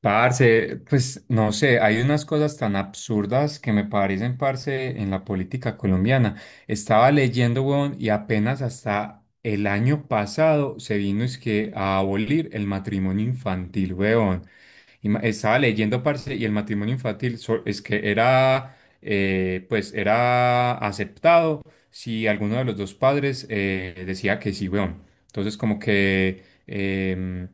Parce, pues no sé, hay unas cosas tan absurdas que me parecen, parce, en la política colombiana. Estaba leyendo, weón, y apenas hasta el año pasado se vino es que a abolir el matrimonio infantil, weón. Estaba leyendo, parce, y el matrimonio infantil es que era, pues era aceptado si alguno de los dos padres decía que sí, weón. Entonces, como que em,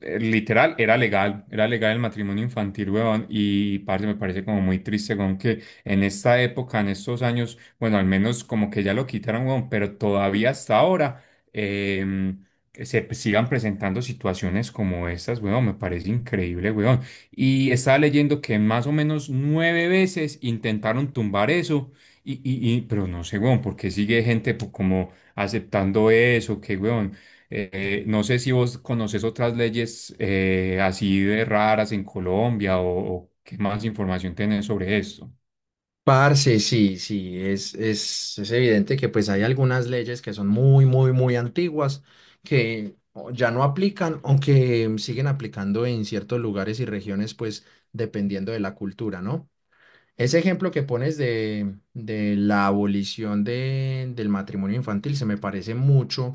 eh, Literal, era legal el matrimonio infantil, weón, y parce, me parece como muy triste, weón, que en esta época, en estos años, bueno, al menos como que ya lo quitaron, weón, pero todavía hasta ahora eh, se sigan presentando situaciones como estas, weón, me parece increíble, weón. Y estaba leyendo que más o menos nueve veces intentaron tumbar eso, pero no sé, weón, porque sigue gente pues, como aceptando eso, que, weón. No sé si vos conoces otras leyes así de raras en Colombia o qué más información tenés sobre esto. Parce, sí, sí, es evidente que pues hay algunas leyes que son muy, muy, muy antiguas que ya no aplican, aunque siguen aplicando en ciertos lugares y regiones, pues dependiendo de la cultura, ¿no? Ese ejemplo que pones de la abolición del matrimonio infantil se me parece mucho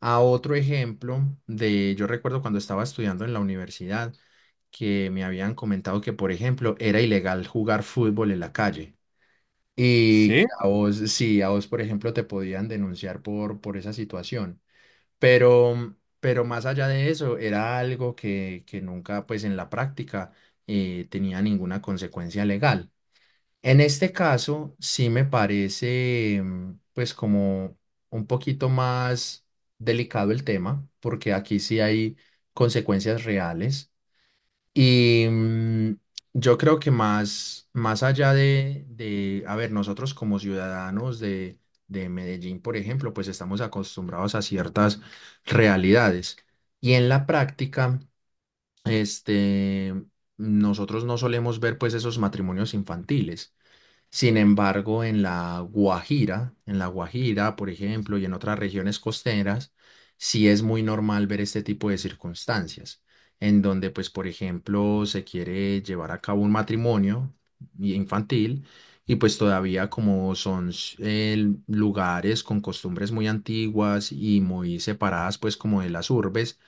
a otro ejemplo yo recuerdo cuando estaba estudiando en la universidad, que me habían comentado que, por ejemplo, era ilegal jugar fútbol en la calle. Y que Sí. a vos, sí, a vos, por ejemplo, te podían denunciar por esa situación. Pero más allá de eso, era algo que nunca, pues en la práctica, tenía ninguna consecuencia legal. En este caso, sí me parece, pues como un poquito más delicado el tema, porque aquí sí hay consecuencias reales y yo creo que más allá a ver, nosotros como ciudadanos de Medellín, por ejemplo, pues estamos acostumbrados a ciertas realidades. Y en la práctica, este, nosotros no solemos ver pues esos matrimonios infantiles. Sin embargo, en la Guajira, por ejemplo, y en otras regiones costeras, sí es muy normal ver este tipo de circunstancias, en donde, pues, por ejemplo, se quiere llevar a cabo un matrimonio infantil y pues todavía como son lugares con costumbres muy antiguas y muy separadas, pues, como de las urbes,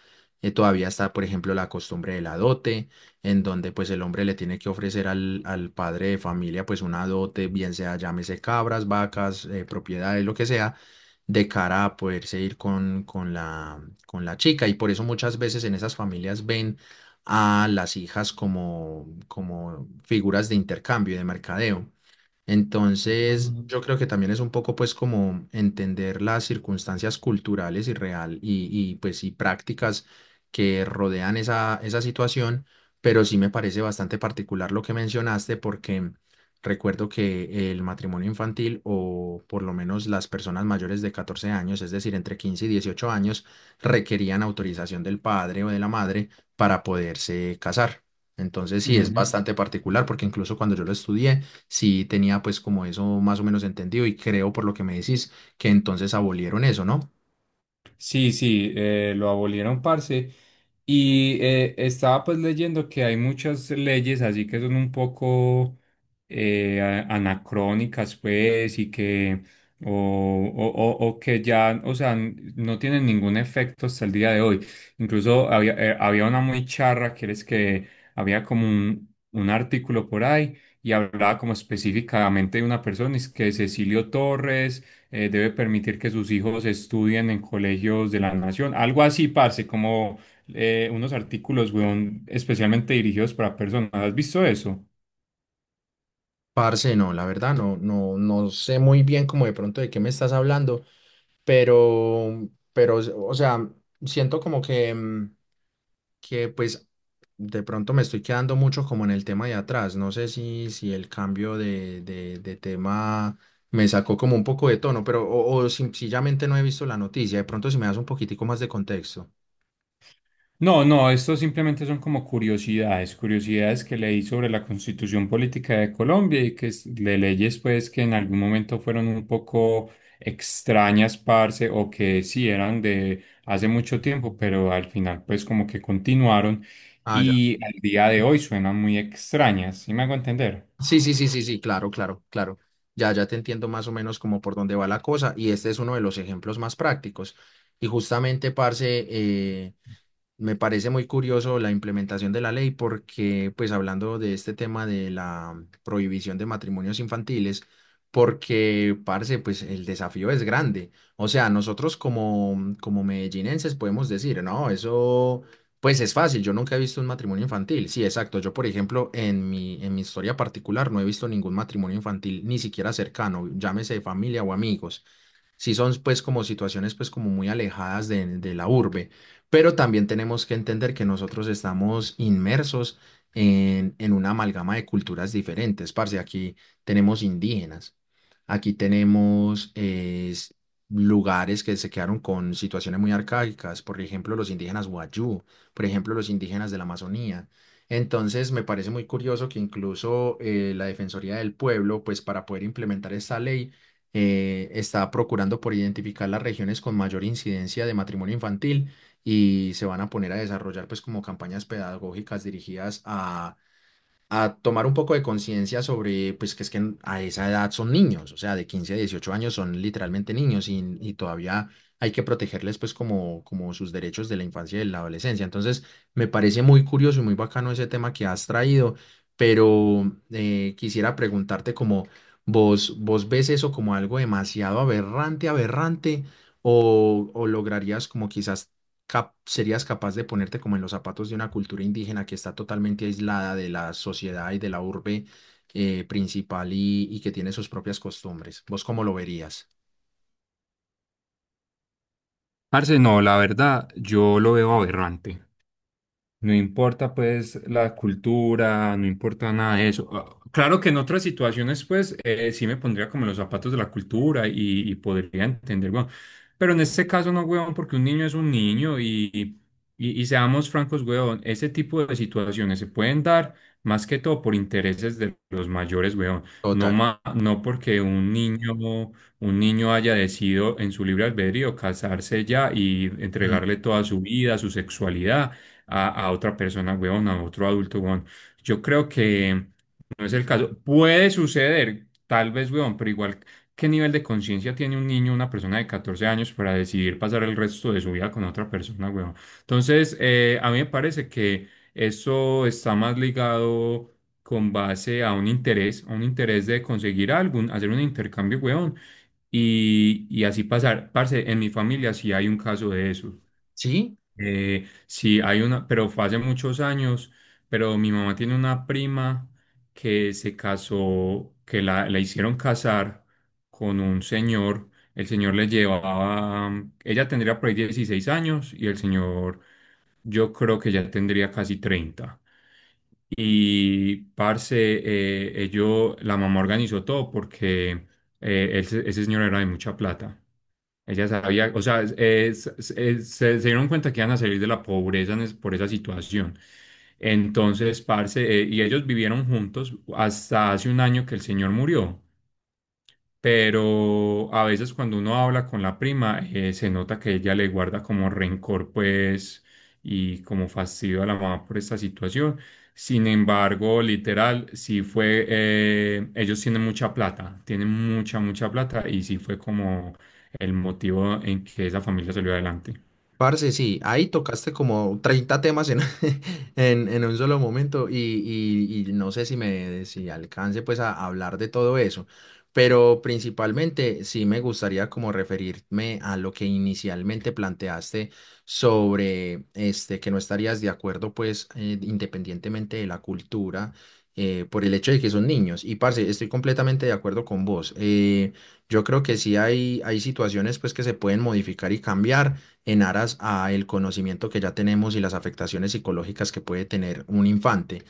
todavía está, por ejemplo, la costumbre de la dote en donde pues el hombre le tiene que ofrecer al padre de familia pues una dote, bien sea llámese cabras, vacas, propiedades, lo que sea, de cara a poderse ir con la chica. Y por eso muchas veces en esas familias ven a las hijas como, como figuras de intercambio y de mercadeo. Entonces, Ujú, yo creo que también es un poco pues como entender las circunstancias culturales y real pues y prácticas que rodean esa, esa situación, pero sí me parece bastante particular lo que mencionaste porque recuerdo que el matrimonio infantil o por lo menos las personas mayores de 14 años, es decir, entre 15 y 18 años, requerían autorización del padre o de la madre para poderse casar. Entonces, sí, es ujú. bastante particular porque incluso cuando yo lo estudié, sí tenía pues como eso más o menos entendido y creo por lo que me decís que entonces abolieron eso, ¿no? Sí, sí, lo abolieron, parce. Y estaba pues leyendo que hay muchas leyes así que son un poco anacrónicas, pues, y que, o, o que ya, o sea, no tienen ningún efecto hasta el día de hoy. Incluso había una muy charra, que es que había como un artículo por ahí y hablaba como específicamente de una persona, es que Cecilio Torres debe permitir que sus hijos estudien en colegios de la nación. Algo así, parce, como unos artículos, weón, especialmente dirigidos para personas. ¿Has visto eso? Parce, no, la verdad no, no, no sé muy bien como de pronto de qué me estás hablando, pero, pero, o sea, siento como que pues de pronto me estoy quedando mucho como en el tema de atrás. No sé si el cambio de tema me sacó como un poco de tono, pero o sencillamente no he visto la noticia. De pronto si me das un poquitico más de contexto. No, no, estos simplemente son como curiosidades, curiosidades que leí sobre la Constitución Política de Colombia y que de leyes pues que en algún momento fueron un poco extrañas, parce, o que sí eran de hace mucho tiempo, pero al final pues como que continuaron Ah, ya. y al día de hoy suenan muy extrañas. ¿Sí me hago entender? Sí, sí, sí, sí, sí, claro, claro, claro. Ya, ya te entiendo más o menos como por dónde va la cosa y este es uno de los ejemplos más prácticos. Y justamente, parce, me parece muy curioso la implementación de la ley porque, pues hablando de este tema de la prohibición de matrimonios infantiles, porque, parce, pues el desafío es grande. O sea, nosotros como, como medellinenses podemos decir, no, eso, pues es fácil, yo nunca he visto un matrimonio infantil. Sí, exacto, yo por ejemplo, en mi historia particular no he visto ningún matrimonio infantil, ni siquiera cercano, llámese familia o amigos sí son pues como situaciones pues como muy alejadas de la urbe, pero también tenemos que entender que nosotros estamos inmersos en una amalgama de culturas diferentes, parce, aquí tenemos indígenas, aquí tenemos lugares que se quedaron con situaciones muy arcaicas, por ejemplo los indígenas Wayuu, por ejemplo los indígenas de la Amazonía. Entonces, me parece muy curioso que incluso la Defensoría del Pueblo, pues para poder implementar esta ley, está procurando por identificar las regiones con mayor incidencia de matrimonio infantil y se van a poner a desarrollar pues como campañas pedagógicas dirigidas a tomar un poco de conciencia sobre, pues que es que a esa edad son niños, o sea, de 15 a 18 años son literalmente niños y todavía hay que protegerles pues como, como sus derechos de la infancia y de la adolescencia. Entonces, me parece muy curioso y muy bacano ese tema que has traído, pero quisiera preguntarte como vos ves eso como algo demasiado aberrante, aberrante, o lograrías como quizás serías capaz de ponerte como en los zapatos de una cultura indígena que está totalmente aislada de la sociedad y de la urbe principal y que tiene sus propias costumbres. ¿Vos cómo lo verías? Parce, no, la verdad, yo lo veo aberrante. No importa pues la cultura, no importa nada de eso. Ah, claro que en otras situaciones pues sí me pondría como en los zapatos de la cultura y podría entender, weón. Pero en este caso no, weón, porque un niño es un niño y seamos francos, weón, ese tipo de situaciones se pueden dar más que todo por intereses de los mayores, weón. No, Total. No porque un niño haya decidido en su libre albedrío casarse ya y Mm. entregarle toda su vida, su sexualidad a otra persona, weón, a otro adulto, weón. Yo creo que no es el caso. Puede suceder, tal vez, weón, pero igual, ¿qué nivel de conciencia tiene un niño, una persona de 14 años para decidir pasar el resto de su vida con otra persona, weón? Entonces, a mí me parece que eso está más ligado con base a un interés de conseguir algo, hacer un intercambio, weón, y así pasar. Parce, en mi familia sí hay un caso de eso. ¿Sí? Sí, hay una, pero fue hace muchos años, pero mi mamá tiene una prima que se casó, que la hicieron casar con un señor. El señor le llevaba, ella tendría por ahí 16 años y el señor yo creo que ya tendría casi 30. Y parce, la mamá organizó todo porque ese señor era de mucha plata. Ella sabía, o sea, se dieron cuenta que iban a salir de la pobreza en por esa situación. Entonces, parce, y ellos vivieron juntos hasta hace un año que el señor murió, pero a veces cuando uno habla con la prima, se nota que ella le guarda como rencor, pues, y como fastidio a la mamá por esta situación. Sin embargo, literal, sí fue, ellos tienen mucha plata, tienen mucha, mucha plata, y sí fue como el motivo en que esa familia salió adelante. Parce, sí, ahí tocaste como 30 temas en, en un solo momento y no sé si me si alcance pues a hablar de todo eso, pero principalmente sí me gustaría como referirme a lo que inicialmente planteaste sobre este que no estarías de acuerdo pues independientemente de la cultura por el hecho de que son niños. Y parce, estoy completamente de acuerdo con vos. Yo creo que sí hay situaciones pues que se pueden modificar y cambiar en aras a el conocimiento que ya tenemos y las afectaciones psicológicas que puede tener un infante.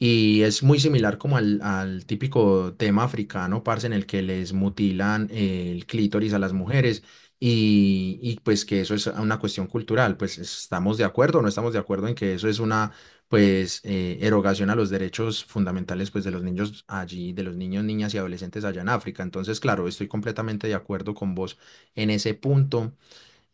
Y es muy similar como al típico tema africano, parce, en el que les mutilan el clítoris a las mujeres y pues que eso es una cuestión cultural. Pues estamos de acuerdo o no estamos de acuerdo en que eso es una pues erogación a los derechos fundamentales pues de los niños allí, de los niños, niñas y adolescentes allá en África. Entonces, claro, estoy completamente de acuerdo con vos en ese punto.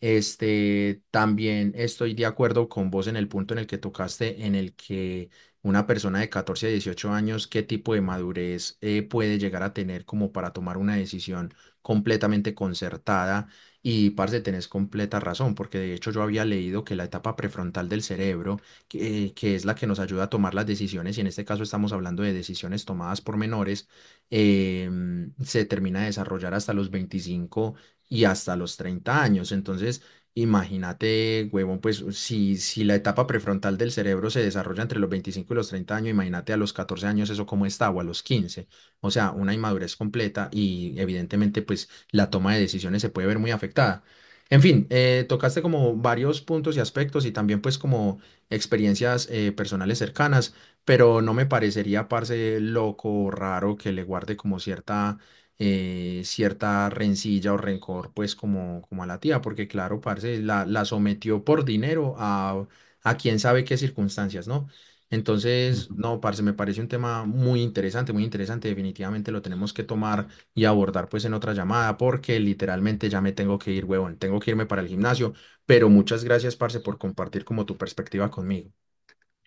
Este, también estoy de acuerdo con vos en el punto en el que tocaste, en el que una persona de 14 a 18 años, qué tipo de madurez puede llegar a tener como para tomar una decisión completamente concertada. Y, parce, tenés completa razón, porque de hecho yo había leído que la etapa prefrontal del cerebro, que es la que nos ayuda a tomar las decisiones, y en este caso estamos hablando de decisiones tomadas por menores, se termina de desarrollar hasta los 25 y hasta los 30 años. Entonces, imagínate, huevón, pues si la etapa prefrontal del cerebro se desarrolla entre los 25 y los 30 años, imagínate a los 14 años eso cómo está o a los 15. O sea, una inmadurez completa y evidentemente pues la toma de decisiones se puede ver muy afectada. En fin, tocaste como varios puntos y aspectos y también pues como experiencias personales cercanas, pero no me parecería, parce, loco o raro que le guarde como cierta cierta rencilla o rencor, pues como, como a la tía, porque claro, parce, la sometió por dinero a quién sabe qué circunstancias, ¿no? Entonces, Ujú. no, parce, me parece un tema muy interesante, definitivamente lo tenemos que tomar y abordar pues en otra llamada, porque literalmente ya me tengo que ir, huevón, tengo que irme para el gimnasio, pero muchas gracias, parce, por compartir como tu perspectiva conmigo,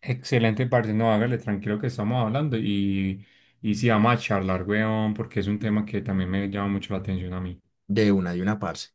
Excelente, parce, no, hágale tranquilo que estamos hablando y sí, vamos a charlar, weón, porque es un tema que también me llama mucho la atención a mí. De una, parce.